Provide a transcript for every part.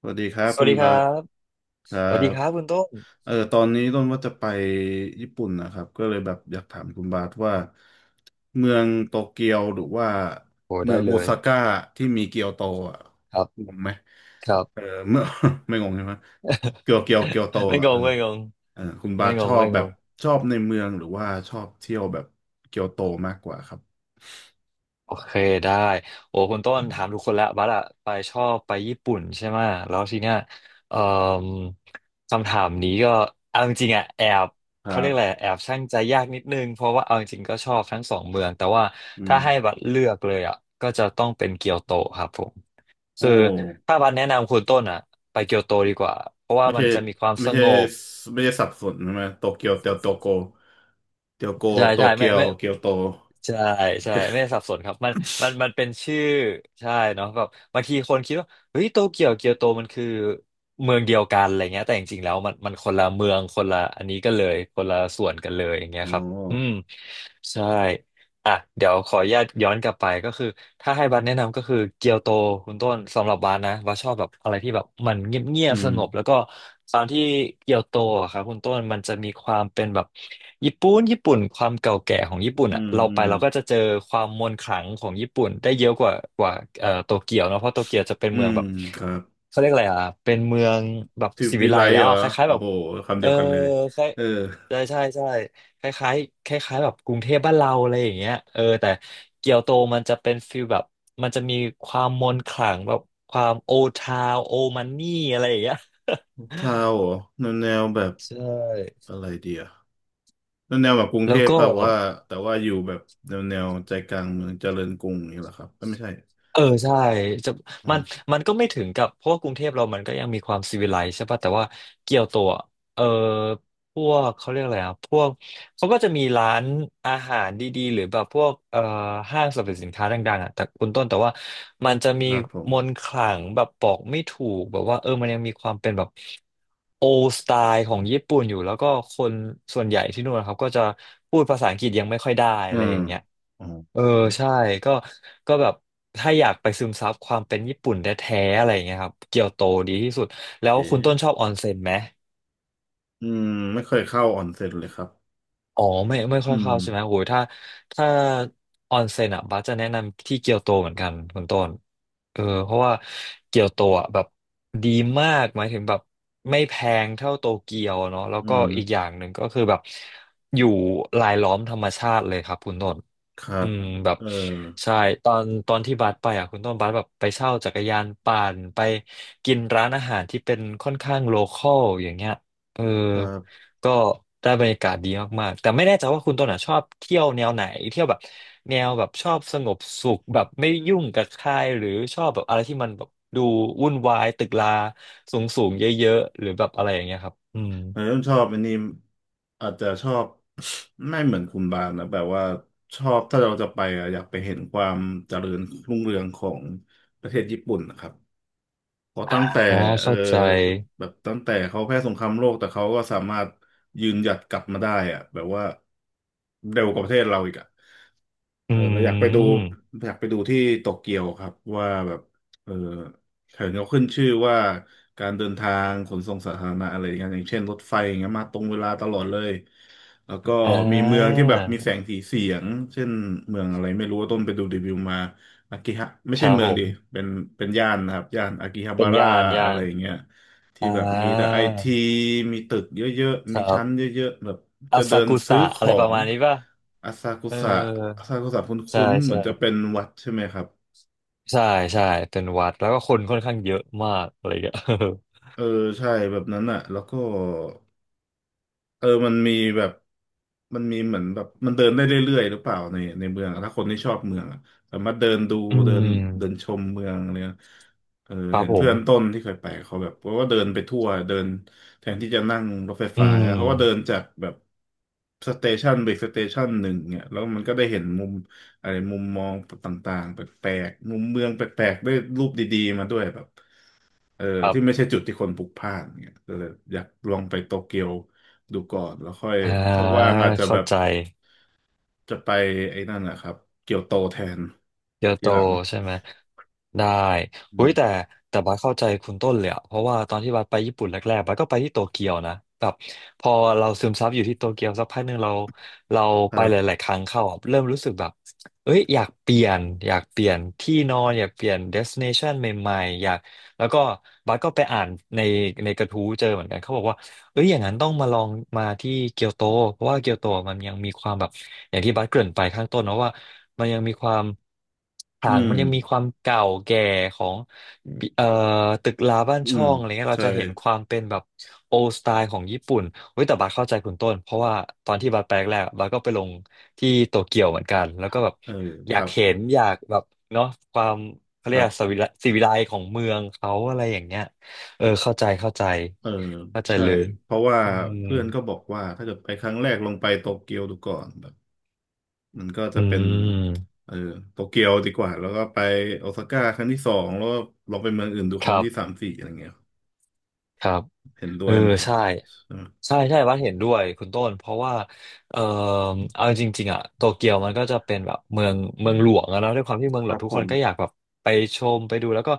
สวัสดีครับสคุวัสณดีคบารัสบครัสวัสดีบครับคุณต้นตอนนี้ต้นว่าจะไปญี่ปุ่นนะครับก็เลยแบบอยากถามคุณบาสว่าเมืองโตเกียวหรือว่าโอ้เมืได้องโอเลยซาก้าที่มีเกียวโตอ่ะครับงงไหมครับ เออเมื่อ ไม่งงใช่ไหมเกียวโต ไม่งอ่ะเองอไม่งงเออคุณบาไม่สงชงอบไม่แบงบงชอบในเมืองหรือว่าชอบเที่ยวแบบเกียวโตมากกว่าครับโอเคได้โอ้คุณต้นถามทุกคนแล้วบัสอะไปชอบไปญี่ปุ่นใช่ไหมะแล้วทีเนี้ยเอ่อคำถามนี้ก็เอาจริงๆอะแอบครัเขาเรียกอะไรบแอบชั่งใจยากนิดนึงเพราะว่าเอาจริงๆก็ชอบทั้งสองเมืองแต่ว่าอืมถ้าให้บัสเลือกเลยอะก็จะต้องเป็นเกียวโตครับผมโอ้ คือถ้าบัสแนะนำคุณต้นอ่ะไปเกียวโตดีกว่าเพราะว่าไม่มันใช่จะมีความสไม่ใช่งบ ไม่ใช่สับสนใช่ไหมโตเกียวเตียวโตโกเตียวโกใช่โตใช่เกีไม่ยวไม่เกียวโตใช่ใช่ไม่สับสนครับมันมันเป็นชื่อใช่เนาะแบบบางทีคนคิดว่าเฮ้ยโตเกียวเกียวโตมันคือเมืองเดียวกันอะไรเงี้ยแต่จริงๆแล้วมันคนละเมืองคนละอันนี้กันเลยคนละส่วนกันเลยอย่างเงี้ยอ๋อครับอืมใช่ อ่ะเดี๋ยวขออนุญาตย้อนกลับไปก็คือถ้าให้บัสแนะนำก็คือเกียวโตคุณต้นสำหรับบัสนะบัสชอบแบบอะไรที่แบบมันเงียบอืๆสมงบแล้วก็ตอนที่เกียวโตอะครับคุณต้นมันจะมีความเป็นแบบญี่ปุ่นญี่ปุ่นความเก่าแก่ของญี่ปุ่นอือ่ะมเราอืไปมเราก็จะเจอความมนต์ขลังของญี่ปุ่นได้เยอะกว่าโตเกียวเนอะเพราะโตเกียวจะเป็นอืเมืองมแบบครับเขาเรียกอะไรอ่ะเป็นเมืองแบบทริปศิวิวิไลไลซ์แล้เหวรออะคล้ายๆโอ้แบบโหคำเอเดีอยวกันเลยคล้ายเออใช่ใช่ใช่ คล้ายๆคล้ายๆแบบกรุงเทพบ้านเราอะไรอย่างเงี้ยเออแต่เกียวโตมันจะเป็นฟิลแบบมันจะมีความมนต์ขลังแบบความโอทาวโอมันนี่อะไรอย่างเงี้ยเท่าเหรอแนวแบบใช่ อะไรดีอะแนวแบบกรุง แล้เทวพก็ เปล่าว่าแต่ว่าอยู่แบบแนวใจกลางเมืองเจริญกรุงนี่แหรอครับเอ้ยไม่ใช่เออใช่จะอืมันมมันก็ไม่ถึงกับเพราะว่ากรุงเทพเรามันก็ยังมีความซีวิไลซ์ใช่ป่ะแต่ว่าเกียวโตอะเออพวกเขาเรียกอะไรอ่ะพวกเขาก็จะมีร้านอาหารดีๆหรือแบบพวกห้างสรรพสินค้าดังๆอ่ะแต่คุณต้นแต่ว่ามันจะคมีรับผมมนต์ขลังแบบบอกไม่ถูกแบบว่าเออมันยังมีความเป็นแบบโอสไตล์ของญี่ปุ่นอยู่แล้วก็คนส่วนใหญ่ที่นู่นนะครับก็จะพูดภาษาอังกฤษยังไม่ค่อยได้อือะไรมอย่างเงี้ย อ๋อเออใช่ก็แบบถ้าอยากไปซึมซับความเป็นญี่ปุ่นแท้ๆอะไรอย่างเงี้ยครับเกียวโตดีที่สุดแล้วเอ๊คุณต้นชอะบออนเซ็นไหมอืมไม่เคยเข้าออนเซ็นเลยครับอ๋อไม่ไม่อืค่อยม เข้าใช่ไหมโอ้ยถ้าออนเซ็นอ่ะบัสจะแนะนำที่เกียวโตเหมือนกันคุณต้นเออเพราะว่าเกียวโตอ่ะแบบดีมากหมายถึงแบบไม่แพงเท่าโตเกียวเนาะแล้วก็อืมอีกอย่างหนึ่งก็คือแบบอยู่รายล้อมธรรมชาติเลยครับคุณต้น ครัอืบมแบบเออใช่ตอนที่บัสไปอ่ะคุณต้นบัสแบบไปเช่าจักรยานปั่นไปกินร้านอาหารที่เป็นค่อนข้างโลคอลอย่างเงี้ยเออครับก็ได้บรรยากาศดีมากๆแต่ไม่แน่ใจว่าคุณต้นอ่ะชอบเที่ยวแนวไหนเที่ยวแบบแนวแบบชอบสงบสุขแบบไม่ยุ่งกับใครหรือชอบแบบอะไรที่มันแบบดูวุ่นวายตึกราสูงสูงเยอะๆหรือแบบอะไรอย่างเงี้ยครับอืมแต่ผมชอบอันนี้อาจจะชอบ ไม่เหมือนคุณบานนะแบบว่าชอบถ้าเราจะไปอะอยากไปเห็นความเจริญรุ่งเรืองของประเทศญี่ปุ่นนะครับ พอตั้งแต่อ่าเออเข้าใจแบบตั้งแต่เขาแพ้สงครามโลกแต่เขาก็สามารถยืนหยัดกลับมาได้อะแบบว่าเร็วกว่าประเทศเราอีกอะอืเออเราอยากไปดูมอยากไปดูที่โตเกียวครับว่าแบบเออเห็นเขาขึ้นชื่อว่าการเดินทางขนส่งสาธารณะอะไรอย่างเงี้ยอย่างเช่นรถไฟอย่างเงี้ยมาตรงเวลาตลอดเลยแล้วก็อ่มีเมืองาที่แบบมีแสงสีเสียงเช่นเมืองอะไรไม่รู้ว่าต้นไปดูรีวิวมา อากิฮะไม่คใช่รับเมืผองดิม เป็นเป็นย่านนะครับย่านอากิฮาเป็บานระย่านย่าอะไรนอย่างเงี้ยที่อ่แบบมีแต่าไอทีมีตึกเยอะๆคมีรัชั้นบเยอะๆแบบอาจะเดิซานกุซื้สะอขอะอไรประงมาณนี้ป่ะอาซากุเออสะอาซากุสะคใชุ่้นๆเหมืใช่อนจะเป็นวัดใช่ไหมครับใช่ใช่เป็นวัดแล้วก็คนค่อนข้างเยอะมากอะไรอย่างเงี้ย เออใช่แบบนั้นอ่ะแล้วก็ เออมันมีแบบมันมีเหมือนแบบมันเดินได้เรื่อยๆหรือเปล่าในเมืองอะถ้าคนที่ชอบเมืองอะสามารถเดินดู อืเดินเดินมชมเมืองอะไรเนี่ยเออครัเห็บนผเพื่มอนต้นที่เคยไปเขาแบบเขาก็เดินไปทั่วเดินแทนที่จะนั่งรถไฟอืฟ้าเขาก็เดินมจากแบบสเตชันไปสเตชันหนึ่งเนี่ยแล้วมันก็ได้เห็นมุมอะไรมุมมองต่างๆแปลกๆมุมเมืองแปลกๆได้รูปดีๆมาด้วยแบบ เออครับที่ไม่ใช่จุดที่คนพลุกพล่านเนี่ยก็เลยอยากลองไปโตเกียวดูก่อนแล้วค่อยอ่าถ้าว่างอาจจะเข้าแบบใจ จะไปไอ้นั่นนะครับเกียวโตแทนเกียวโตทีหลังใช่ไหมได้อือุ้ยมแต่แต่บัสเข้าใจคุณต้นเลยอะเพราะว่าตอนที่บัสไปญี่ปุ่นแรกๆบัสก็ไปที่โตเกียวนะแบบพอเราซึมซับอยู่ที่โตเกียวสักพักหนึ่งเราคไปรัหบลายๆครั้งเข้าอะเริ่มรู้สึกแบบเอ้ยอยากเปลี่ยนอยากเปลี่ยนที่นอนอยากเปลี่ยนเดส i เนชันใหม่ๆอยากแล้วก็บัสก็ไปอ่านในในกระทู้เจอเหมือนกันเขาบอกว่า เอ้ยอย่างนั้นต้องมาลองมาที่เกียวโตเพราะว่าเกียวโตมันยังมีความแบบอย่างที่บัสเกริ่นไปข้างต้นเนอะว่ามันยังมีความอืห่างมัมนยังมีความเก่าแก่ของเอ่อตึกราบ้านอืช่อมงอะไรเงี้ยเราใช่จะเห็นความเป็นแบบโอสไตล์ของญี่ปุ่นเว้ยแต่บัสเข้าใจคุณต้นเพราะว่าตอนที่บัสไปแรกๆอะบัสก็ไปลงที่โตเกียวเหมือนกันแล้วก็แบบเอออคยารักบเห็นอยากแบบเนาะความเขาคเรียรักสบวิไลสิวิไลของเมืองเขาอะไรอย่างเงี้ยเออเข้าใจเข้าใจเออเข้าใจใช่เลย เพราะว่าอืมเพื่อนก็บอกว่าถ้าเกิดไปครั้งแรกลองไปโตเกียวดูก่อนแบบมันก็อืจะเป็นมเออโตเกียวดีกว่าแล้วก็ไปโอซาก้าครั้งที่สองแล้วก็ลองไปเมืองอื่นดูคครั้งรับที่สามสี่อะไรเงี้ย ครับเห็นด้เอวอยไหมครับใช่ใช่ไหมใช่ใช่วัดเห็นด้วยคุณต้นเพราะว่าเออเอาจริงๆอ่ะโตเกียวมันก็จะเป็นแบบเมืองหลวงอะเนอะด้วยความที่เมืองคหลวรังบทุกผคมนก็อยากแบบไปชมไปดูแล้วก็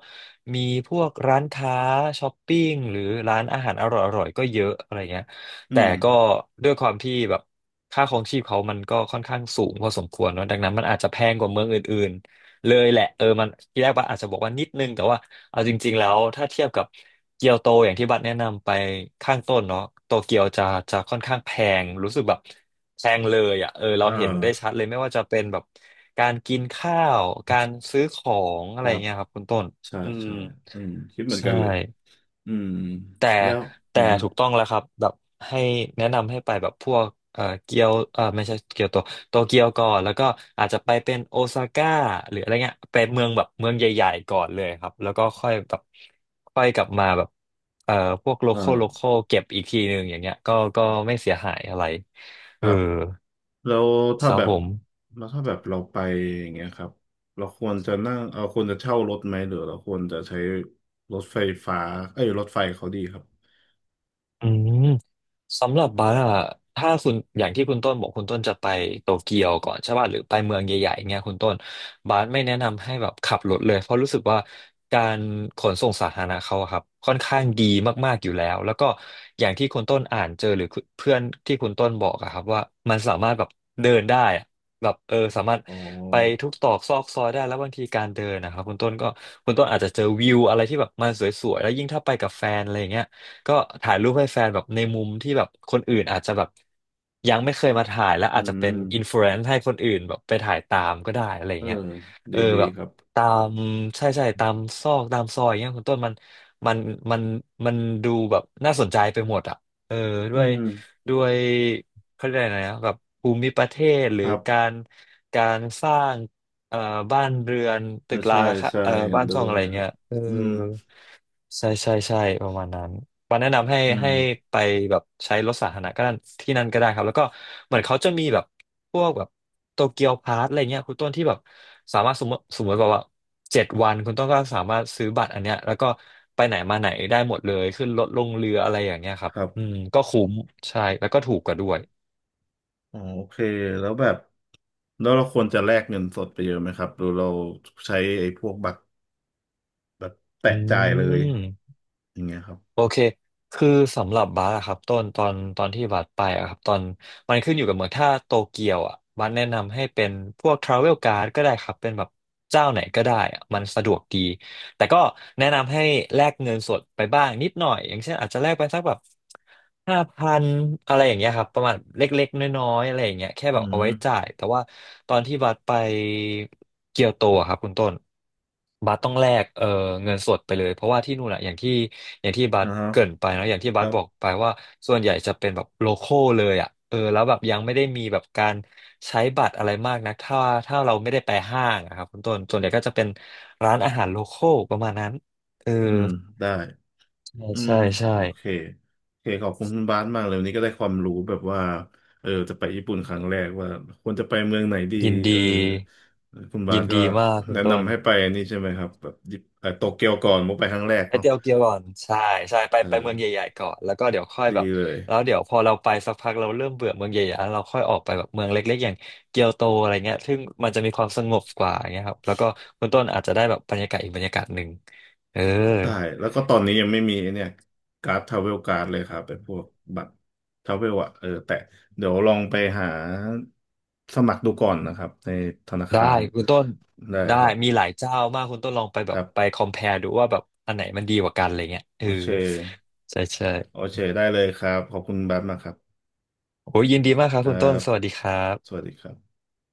มีพวกร้านค้าช้อปปิ้งหรือร้านอาหารอร่อยๆก็เยอะอะไรเงี้ยแต่อืมก็ด้วยความที่แบบค่าครองชีพเขามันก็ค่อนข้างสูงพอสมควรเนอะดังนั้นมันอาจจะแพงกว่าเมืองอื่น เลยแหละเออมันทีแรกบัสอาจจะบอกว่านิดนึงแต่ว่าเอาจริงๆแล้วถ้าเทียบกับเกียวโตอย่างที่บัสแนะนำไปข้างต้นเนาะโตเกียวจะค่อนข้างแพงรู้สึกแบบแพงเลยอ่ะเออเราอ่าเห็นได้ชัดเลยไม่ว่าจะเป็นแบบการกินข้าวการซื้อของอะคไรรับเงี้ยครับคุณต้นใช่อืมใช่อืมคิดเหมือนใช่ กันเลยอืมแต่แล้วอืแต่มฮึถูกต้องแล้วครับแบบให้แนะนำให้ไปแบบพวกเอ่อเกียวเอ่อไม่ใช่เกียวโตโตเกียวก่อนแล้วก็อาจจะไปเป็นโอซาก้าหรืออะไรเงี้ยไปเมืองแบบเมืองใหญ่ๆก่อนเลยครับแล้วก็ค่อยแบบค่อยกลับมาแบบเอ่อพวกโลคเอออลเก็บอีกทีหนึ่งอย่างเงี้ยก็ไม่เสียหายอะไรคเออรับแล้วคถ้ารับแบบผม แล้วถ้าแบบเราไปอย่างเงี้ยครับเราควรจะนั่งเราควรจะเช่ารถไหมหรือเราควรจะใช้รถไฟฟ้าเอ้ยรถไฟเขาดีครับอืมสำหรับบาร์อะถ้าคุณอย่างที่คุณต้นบอกคุณต้นจะไปโตเกียวก่อนใช่ป่ะหรือไปเมืองใหญ่ๆเงี้ยคุณต้นบาร์ไม่แนะนำให้แบบขับรถเลยเพราะรู้สึกว่าการขนส่งสาธารณะเขาอะครับค่อนข้างดีมากๆอยู่แล้วแล้วก็อย่างที่คุณต้นอ่านเจอหรือเพื่อนที่คุณต้นบอกอะครับว่ามันสามารถแบบเดินได้อะแบบเออสามารถอ๋ไปอทุกตรอกซอกซอยได้แล้วบางทีการเดินนะครับคุณต้นก็คุณต้นอาจจะเจอวิวอะไรที่แบบมันสวยๆแล้วยิ่งถ้าไปกับแฟนอะไรอย่างเงี้ย ก็ถ่ายรูปให้แฟนแบบในมุมที่แบบคนอื่นอาจจะแบบยังไม่เคยมาถ่ายและอือาจจะเป็นอินฟมลูเอนซ์ให้คนอื่นแบบไปถ่ายตามก็ได้อะไรเอเงี้ยอเอดีอดีแบบครับตามใช่ใช่ตามซอกตามซอยเงี้ยคุณต้นมันมันมันดูแบบน่าสนใจไปหมดอ่ะเออด้อืวยมด้วยเขาเรียกอะไรนะแบบภูมิประเทศหครือรับการสร้างเอ่อบ้านเรือนเออตึกราใช่ค่ะใช่เห็นบ้านด้ช่องวอะยไรครัเงี้บยเอออืมใช่ใช่ใช่ประมาณนั้น ปาแนะนำให้อืมไปแบบใช้รถสาธารณะก็ได้ที่นั่นก็ได้ครับแล้วก็เหมือนเขาจะมีแบบพวกแบบโตเกียวพาสอะไรเงี้ยคุณต้นที่แบบสามารถสมมติแบบว่า7 วันคุณต้นก็สามารถซื้อบัตรอันเนี้ยแล้วก็ไปไหนมาไหนได้หมดเลยขึ้นรถลงเรืออะไรอย่างเงี้ยครัคบรัอืบ มก็คุ้มใช่แล้วก็ถูกกว่าด้วยอ๋อโอเคแล้วแบบแล้วเราควรจะแลกเงินสดไปเยอะไหมครับหรือเราใช้ไอ้พวกบัตรแบบแปะอืจ่ายเลยม อย่างเงี้ยครับโอเค คือสำหรับบาสอะครับต้นตอนที่บาสไปอะครับ ตอนมันขึ้นอยู่กับเมืองถ้าโตเกียวอะบาสแนะนำให้เป็นพวกทราเวลการ์ดก็ได้ครับ เป็นแบบเจ้าไหนก็ได้อะมันสะดวกดี แต่ก็แนะนำให้แลกเงินสดไปบ้างนิดหน่อยอย่างเช่นอาจจะแลกไปสักแบบ5,000อะไรอย่างเงี้ยครับประมาณเล็กๆน้อยๆอะไรอย่างเงี้ยแค่แบอืบเอาไว้จ่ามยแต่ว่าตอนที่บัสไปเกียวโตอะครับคุณต้นบัสต้องแลกเงินสดไปเลยเพราะว่าที่นู่นอะอย่างที่บัสนะฮะเกริ่นไปเนอะอย่างที่คบัสรับบอกไปว่าส่วนใหญ่จะเป็นแบบโลคอลเลยอะ เออแล้วแบบยังไม่ได้มีแบบการใช้บัตรอะไรมากนักถ้าเราไม่ได้ไปห้างอะครับคุณต้นส่วนใหญ่ก็จะเป็นร้านอาหารโลคอลประมาณนั้นเอออืมได้ใช่อืมใช่ใช่โอเคโอเคขอบคุณคุณบาสมากเลยวันนี้ก็ได้ความรู้แบบว่าเออจะไปญี่ปุ่นครั้งแรกว่าควรจะไปเมืองไหนดียินเออดีคุณบายิสนก็ดีมากคุแนะณต้นนำให้ไปนี่ใช่ไหมครับแบบญี่ปุ่นเอ่อโตเกียวก่อนมุกไปครั้งแรกไปเนาะเที่ยวเกียวก่อนใช่ใช่เอไปอเมืองใหญ่ๆก่อนแล้วก็เดี๋ยวค่อยดีแบบเลย แล้วเดี๋ยวพอเราไปสักพักเราเริ่มเบื่อเมืองใหญ่ๆแล้วเราค่อยออกไปแบบเมืองเล็กๆอย่างเกียวโตอะไรเงี้ยซึ่งมันจะมีความสงบกว่าอย่างเงี้ยครับแล้วก็คุณต้นอาจจะได้แบบบรรยากาศอีกบรรยากาศหนึ่งเออ ได้แล้วก็ตอนนี้ยังไม่มีไอ้เนี่ยการ์ดทราเวลการ์ดเลยครับเป็นพวกบัตรทราเวลอะเออแต่เดี๋ยวลองไปหาสมัครดูก่อนนะครับในธนาได้คารคุณต้นได้ได้ครับมีหลายเจ้ามากคุณต้นลองไปแบคบรัไป c บ o m p a r e ดูว่าแบบอันไหนมันดีกว่ากันอะไรเงี้ยเอโออเคใช่ใช่โอเคได้เลยครับขอบคุณบัตรมากครับโอ้ยยินดีมากครัคบรัคุณต้นบสวัสดีครัสวับสดีครับ